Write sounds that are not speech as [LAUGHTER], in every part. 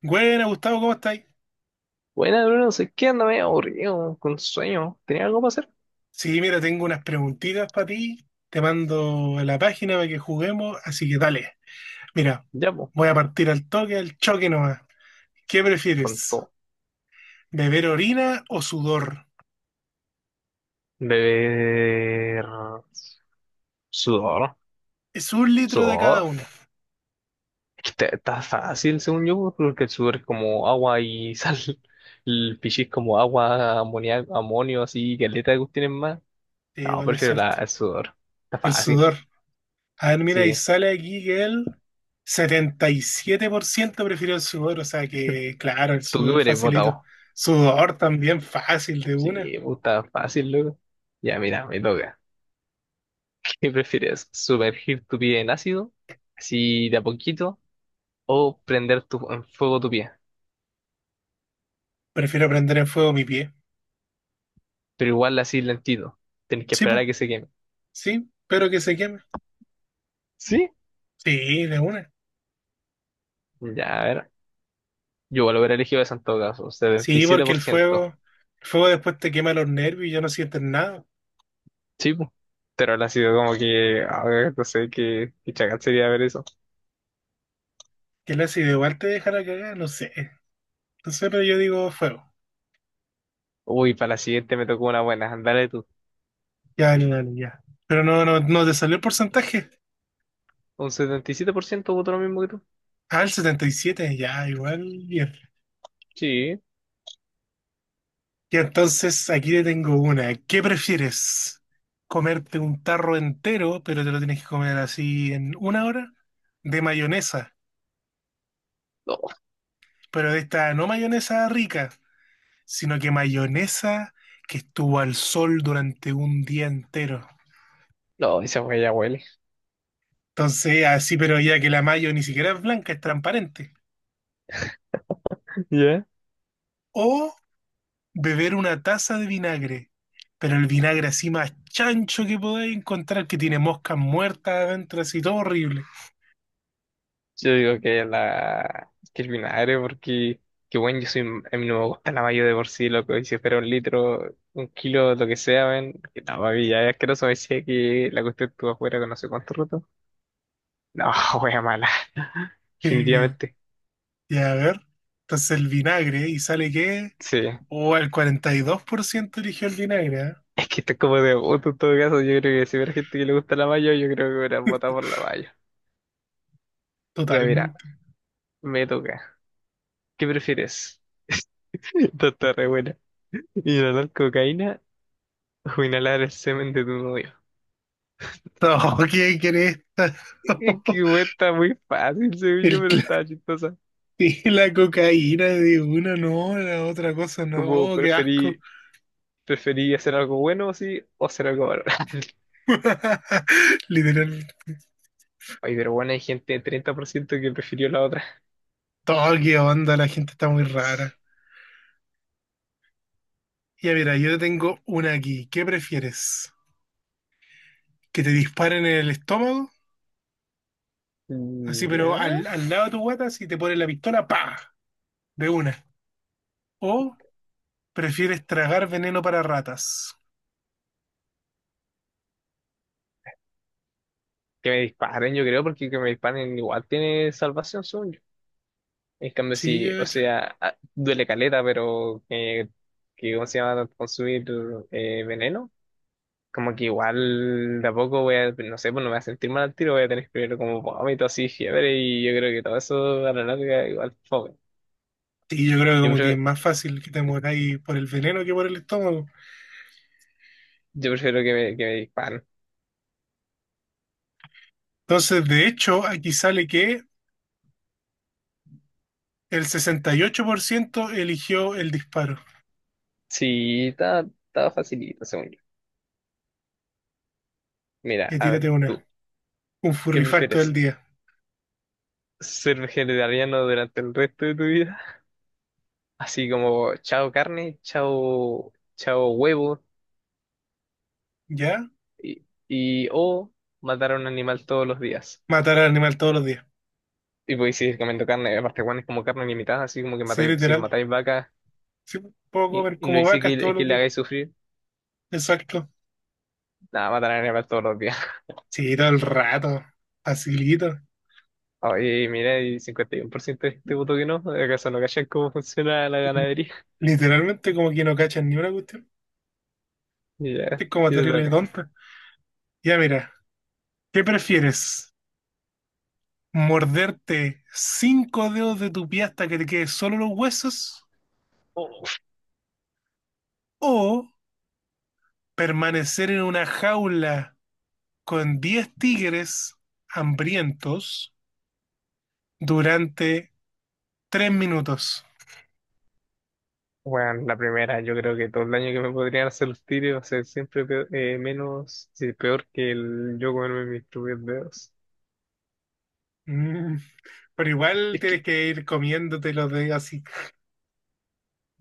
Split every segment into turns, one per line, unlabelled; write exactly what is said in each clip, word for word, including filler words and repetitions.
Buena, Gustavo, ¿cómo estáis?
Buena, Bruno, sé que anda medio aburrido, con sueño. ¿Tenía algo para hacer?
Sí, mira, tengo unas preguntitas para ti. Te mando a la página para que juguemos, así que dale. Mira,
Ya, pues,
voy a partir al toque, al choque nomás. ¿Qué
con
prefieres?
todo.
¿Beber orina o sudor?
Beber sudor,
Es un litro de cada
sudor.
una.
Es que está, está fácil, según yo, porque el sudor es como agua y [LAUGHS] sal. El pichí es como agua, amonia- amonio, así, caleta que tienen más.
Sí,
No,
vale, es
prefiero la,
cierto.
el sudor. Está
El
fácil,
sudor. A ver, mira, y
sí.
sale aquí que el setenta y siete por ciento prefirió el sudor, o sea que, claro, el
¿Tú qué
sudor
hubieras
facilito.
votado?
Sudor también fácil de una.
Sí, pues, está fácil, loco. Ya, mira, me toca. [LAUGHS] ¿Qué prefieres? ¿Sumergir tu pie en ácido? Así de a poquito o prender tu, en fuego tu pie,
Prefiero prender en fuego mi pie.
pero igual así lentito. Tenés que
Sí,
esperar
pues.
a que se queme.
Sí, pero que se queme.
¿Sí?
Sí, de una.
Ya, a ver. Yo igual hubiera elegido esa en todo caso,
Sí, porque el
setenta y siete por ciento.
fuego, el fuego después te quema los nervios y ya no sientes nada.
Sí, pu. Pero ahora ha sido como que, a ver, no sé qué, qué chacal sería ver eso.
Que el ácido igual te deja la cagada, no sé. No sé, pero yo digo fuego.
Uy, para la siguiente me tocó una buena. Dale tú.
Ya, dale, dale, ya. Pero no, no, no te salió el porcentaje.
Un setenta y siete por ciento votó lo mismo que tú.
Ah, el setenta y siete, ya, igual, bien.
Sí.
Y entonces aquí te tengo una. ¿Qué prefieres? ¿Comerte un tarro entero, pero te lo tienes que comer así en una hora? De mayonesa,
No,
pero de esta no mayonesa rica, sino que mayonesa que estuvo al sol durante un día entero.
no, esa huella ya huele.
Entonces, así, pero ya que la mayo ni siquiera es blanca, es transparente.
[LAUGHS] ¿Ya?
O beber una taza de vinagre, pero el vinagre así más chancho que podáis encontrar, que tiene moscas muertas adentro, así todo horrible.
Yo digo que la que el vinagre, porque que bueno, yo soy a mí no me gusta la mayo de por sí, loco, y si fuera un litro, un kilo, lo que sea, ven, que no, papi, ya es asqueroso, me decía que la cuestión estuvo afuera con no sé cuánto roto. No, wea mala, [LAUGHS]
[LAUGHS]
definitivamente.
Ya, a ver. Entonces el vinagre, ¿y sale qué?
Sí.
O el cuarenta y dos por ciento eligió el vinagre, ¿eh?
Es que esto es como de voto en todo caso, yo creo que si hubiera gente que le gusta la mayo, yo creo que hubiera votado por la mayo. Ya mira,
Totalmente. [LAUGHS]
me toca. ¿Qué prefieres? [LAUGHS] Esto está re buena. ¿Inhalar cocaína o inhalar el semen de tu novio?
No, ¿quién quiere esta?
Es
[LAUGHS]
que güey, está muy fácil, según yo,
El,
pero estaba chistosa.
[LAUGHS] Sí, la cocaína de una, no, la otra cosa,
Como
no, qué asco.
preferí, preferí hacer algo bueno, sí, o hacer algo malo. [LAUGHS]
[LAUGHS] Literal,
Ay, pero bueno, hay gente de treinta por ciento que prefirió la otra.
todo qué onda, la gente está muy
[LAUGHS] Sí.
rara. Ya mira, yo tengo una aquí. ¿Qué prefieres? ¿Que te disparen en el estómago? Así, pero
Ya.
al, al lado de tu guata, si te ponen la pistola, ¡pa! De una. ¿O prefieres tragar veneno para ratas?
Que me disparen, yo creo, porque que me disparen igual tiene salvación, según yo. En cambio,
Sí,
sí, o
yo,
sea, ah, duele caleta, pero eh, que, ¿cómo se llama? Consumir eh, veneno como que igual de a poco voy a, no sé, pues no me voy a sentir mal al tiro, voy a tener primero como vómito así, fiebre, y yo creo que todo eso a la larga igual fome.
sí, yo creo que
Yo
como que es
prefiero,
más fácil que te mueras ahí por el veneno que por el estómago.
yo prefiero que me, que me disparen.
Entonces, de hecho, aquí sale que el sesenta y ocho por ciento eligió el disparo.
Sí, estaba, estaba facilito, según yo. Mira,
Ya
a
tírate
ver,
una.
tú,
Un
¿qué
furrifacto del
prefieres?
día.
¿Ser vegetariano durante el resto de tu vida? Así como, chao carne, chao, chao huevo,
¿Ya?
y, y o matar a un animal todos los días.
Matar al animal todos los días.
Y podéis seguir comiendo carne, aparte, Juan es como carne limitada, así como que
Sí,
matáis, si
literal.
matáis vacas.
Sí, puedo
Y,
comer
y no
como
dice
vacas
que,
todos
le- que
los
le
días.
hagáis sufrir.
Exacto.
Nada, matar a animales todos los días. [LAUGHS]
Sí, todo el rato. Facilito.
Oye, mira, y cincuenta y uno por ciento de gente votó que no. ¿Acaso no cachan cómo funciona la ganadería? [LAUGHS]
Literalmente como que no cachan ni una cuestión.
Y
Este
ya,
es como
¿qué te
terrible
toca?
tonta. Ya mira, ¿qué prefieres? ¿Morderte cinco dedos de tu pie hasta que te queden solo los huesos?
Uf.
¿O permanecer en una jaula con diez tigres hambrientos durante tres minutos?
Bueno, la primera, yo creo que todo el daño que me podrían hacer los tigres va a ser siempre peor- eh, menos, sí, peor que el yo comerme mis propios dedos.
Mm, pero igual
Es que,
tienes que ir comiéndote los de así.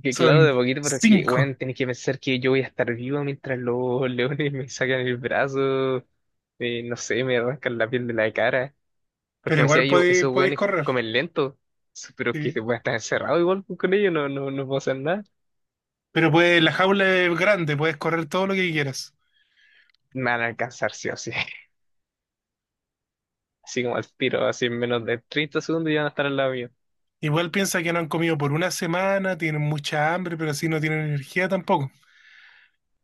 que claro,
Son
de poquito, pero es que,
cinco,
bueno, tenés que pensar que yo voy a estar vivo mientras los [LAUGHS] leones me sacan el brazo, eh, no sé, me arrancan la piel de la cara. Porque
pero
me decía
igual
yo,
podéis,
esos
podéis
weones
correr.
comen lento. Sí, pero que
¿Sí?
voy a estar encerrado igual con ellos, no, no, no puedo hacer nada.
Pero pues la jaula es grande, puedes correr todo lo que quieras.
Me van a alcanzar sí o sí. [LAUGHS] Así como al tiro, así en menos de treinta segundos ya van a estar al lado mío.
Igual piensa que no han comido por una semana, tienen mucha hambre, pero así no tienen energía tampoco.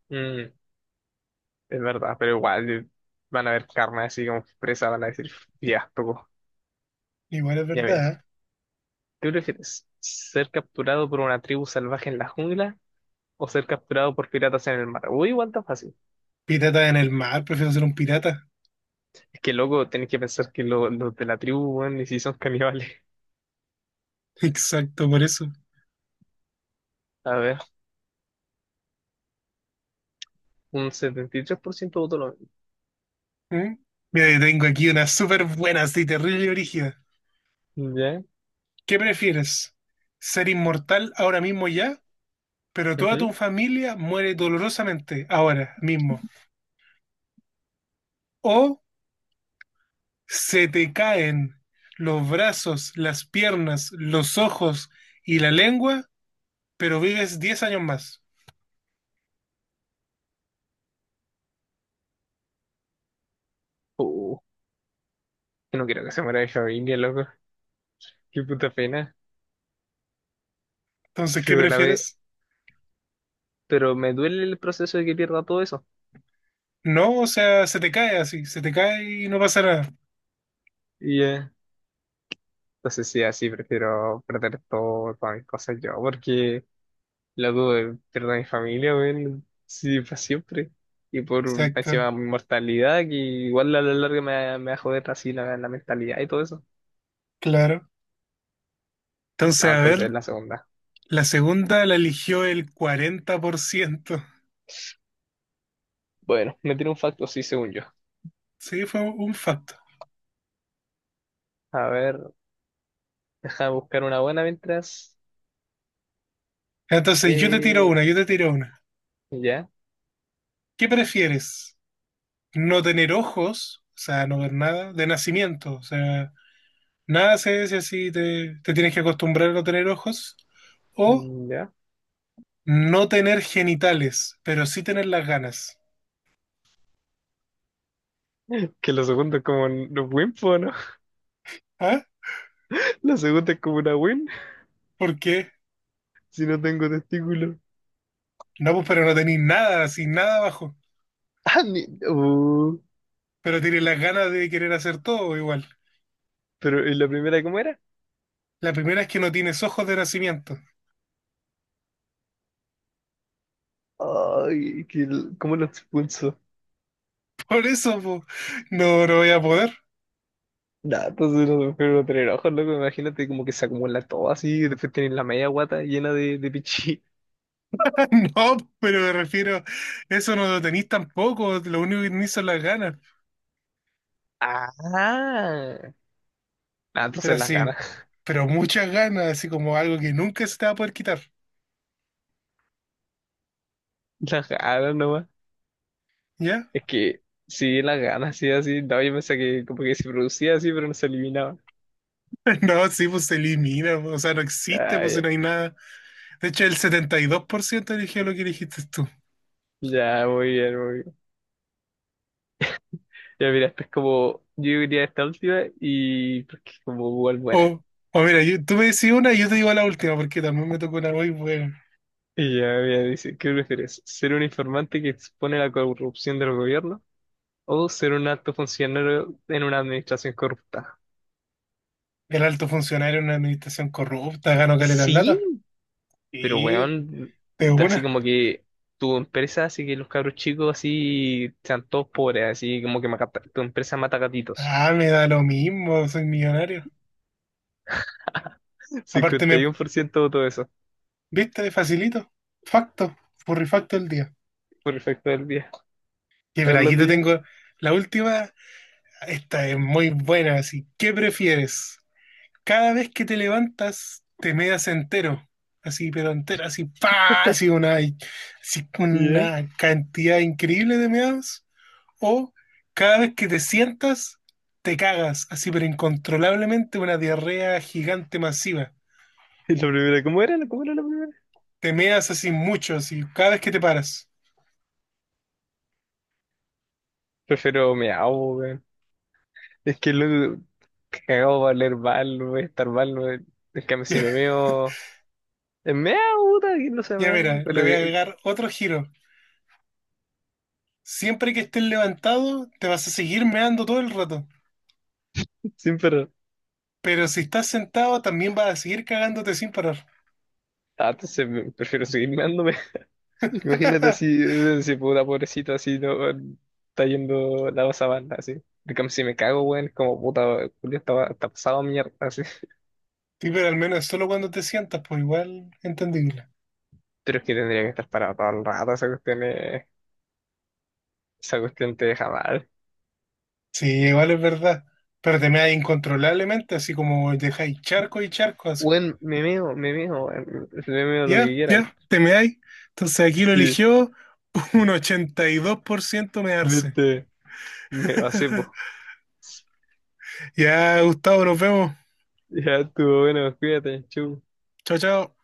Mm, es verdad, pero igual eh, van a ver carne así como presa, van a decir, ya, tocó.
Igual es
Ya mira,
verdad. ¿Eh?
¿qué prefieres? ¿Ser capturado por una tribu salvaje en la jungla o ser capturado por piratas en el mar? Uy, igual tan fácil.
Pirata en el mar, prefiero ser un pirata.
Es que luego tenés que pensar que lo- los de la tribu, weón, ni si son caníbales.
[LAUGHS] Exacto, por eso.
A ver, un setenta y tres por ciento votó lo...
¿Mm? Mira, yo tengo aquí una súper buena, así terrible y rígida.
¿Ya?
¿Qué prefieres? ¿Ser inmortal ahora mismo ya, pero toda tu
Ujú.
familia muere dolorosamente ahora mismo? ¿O se te caen los brazos, las piernas, los ojos y la lengua, pero vives diez años más?
Uh, no quiero que se muera mi familia, loco. Qué puta pena.
Entonces, ¿qué
Yo la ve,
prefieres?
pero me duele el proceso de que pierda todo eso.
No, o sea, se te cae así, se te cae y no pasa nada.
Y eh, entonces sí, así prefiero perder todo, todas mis cosas yo, porque loco, eh, pierdo a mi familia, weón, sí, para siempre. Y por
Exacto,
encima mi mortalidad, que igual a la larga me, me va a joder así la, la mentalidad y todo eso.
claro. Entonces,
No,
a ver,
entonces es la segunda.
la segunda la eligió el cuarenta por ciento.
Bueno, me tiene un facto, sí, según yo.
Sí, fue un facto.
A ver, deja buscar una buena mientras.
Entonces, yo te tiro
Eh,
una, yo te tiro una.
ya.
¿Qué prefieres? ¿No tener ojos, o sea, no ver nada, de nacimiento? O sea, nada se si así, te, te tienes que acostumbrar a no tener ojos. ¿O
Mm, ya.
no tener genitales, pero sí tener las ganas?
Que la segunda es como un un win, po, ¿no? [LAUGHS]
¿Ah?
La segunda es como una win
¿Por qué?
si no tengo testículos. [LAUGHS]
No, pues, pero no tenéis nada, sin nada abajo.
Ah, ni- uh,
Pero tienes las ganas de querer hacer todo igual.
pero ¿y la primera cómo era?
La primera es que no tienes ojos de nacimiento.
Ay, que, el- ¿cómo lo expulso?
[LAUGHS] Por eso, po, no, no voy a poder.
Nah, entonces no se puede tener ojos, loco. Imagínate como que se acumula todo así y después tienes la media guata llena de, de pichí. [LAUGHS]
[LAUGHS] No, pero me refiero, eso no lo tenéis tampoco. Lo único que tenéis son las ganas.
Ah, ah,
Pero
entonces las
así,
ganas,
pero muchas ganas, así como algo que nunca se te va a poder quitar,
[LAUGHS] las ganas nomás.
¿ya?
Es que sí, las ganas, sí, así. No, yo pensé que como que se producía así, pero no se eliminaba.
[LAUGHS] No, sí, pues se elimina, pues, o sea, no existe,
Ah,
pues si no
ya.
hay nada. De hecho, el setenta y dos por ciento eligió lo que dijiste tú.
Ya, muy bien, muy bien. Ya mira, esta es como, yo diría esta última y porque es como igual buena.
O, o mira, yo- tú me decís una y yo te digo la última, porque también me tocó una muy buena.
Y ya mira, dice, ¿qué prefieres? ¿Ser un informante que expone la corrupción del gobierno o ser un alto funcionario en una administración corrupta?
¿El alto funcionario en una administración corrupta, ganó caleta de plata.
Sí, pero
Y
weón,
de
así
una.
como que tu empresa, así que los cabros chicos así sean todos pobres, así como que mata- tu empresa mata gatitos.
Ah, me da lo mismo, soy millonario. Aparte, me,
cincuenta y uno por ciento de todo eso.
¿viste? Facilito. Facto, furrifacto el día.
Perfecto del día.
Y
A
mira,
ver la
aquí te
tuya.
tengo la última. Esta es muy buena, así. ¿Qué prefieres? Cada vez que te levantas, te meas entero. Así, pero entero, así, pa, así una, así
Ya.
una cantidad increíble de meados. O cada vez que te sientas, te cagas, así, pero incontrolablemente una diarrea gigante masiva.
¿Y la primera? ¿Cómo era? ¿Cómo era la primera?
Te meas así mucho, así, cada vez que te paras. [LAUGHS]
Prefiero meao, weón. Es que luego cagado va a leer mal, no voy a estar mal, weón. Es que si me
Ya
meo. Es meao, puta, aquí no se
ya
meao,
mira, le
pero
voy a
[LAUGHS]
agregar otro giro. Siempre que estés levantado, te vas a seguir meando todo el rato.
que- siempre.
Pero si estás sentado, también vas a seguir cagándote sin parar.
Ah, entonces me- prefiero seguir meándome. [LAUGHS] Imagínate así,
[LAUGHS]
eh, si puta pobrecito así, no, weón, está yendo la sabana, así. En cambio, si me cago, weón, es como puta, Julio está, está pasado a mierda, así.
Sí, pero al menos solo cuando te sientas, pues igual entendible.
Pero es que tendría que estar parado todo el rato, esa cuestión, es- esa cuestión te deja mal.
Sí, igual es verdad. Pero te meáis incontrolablemente, así como dejáis charco y charco, así.
Weón, me meo, me meo, weón, me meo lo que
Ya,
quieran.
ya, te meáis. Entonces aquí lo
Sí.
eligió [LAUGHS] un ochenta y dos por ciento mearse.
Viste, me pasé, po.
[LAUGHS] Ya, Gustavo, nos vemos.
Ya estuvo bueno, cuídate, chau.
Chao, chao.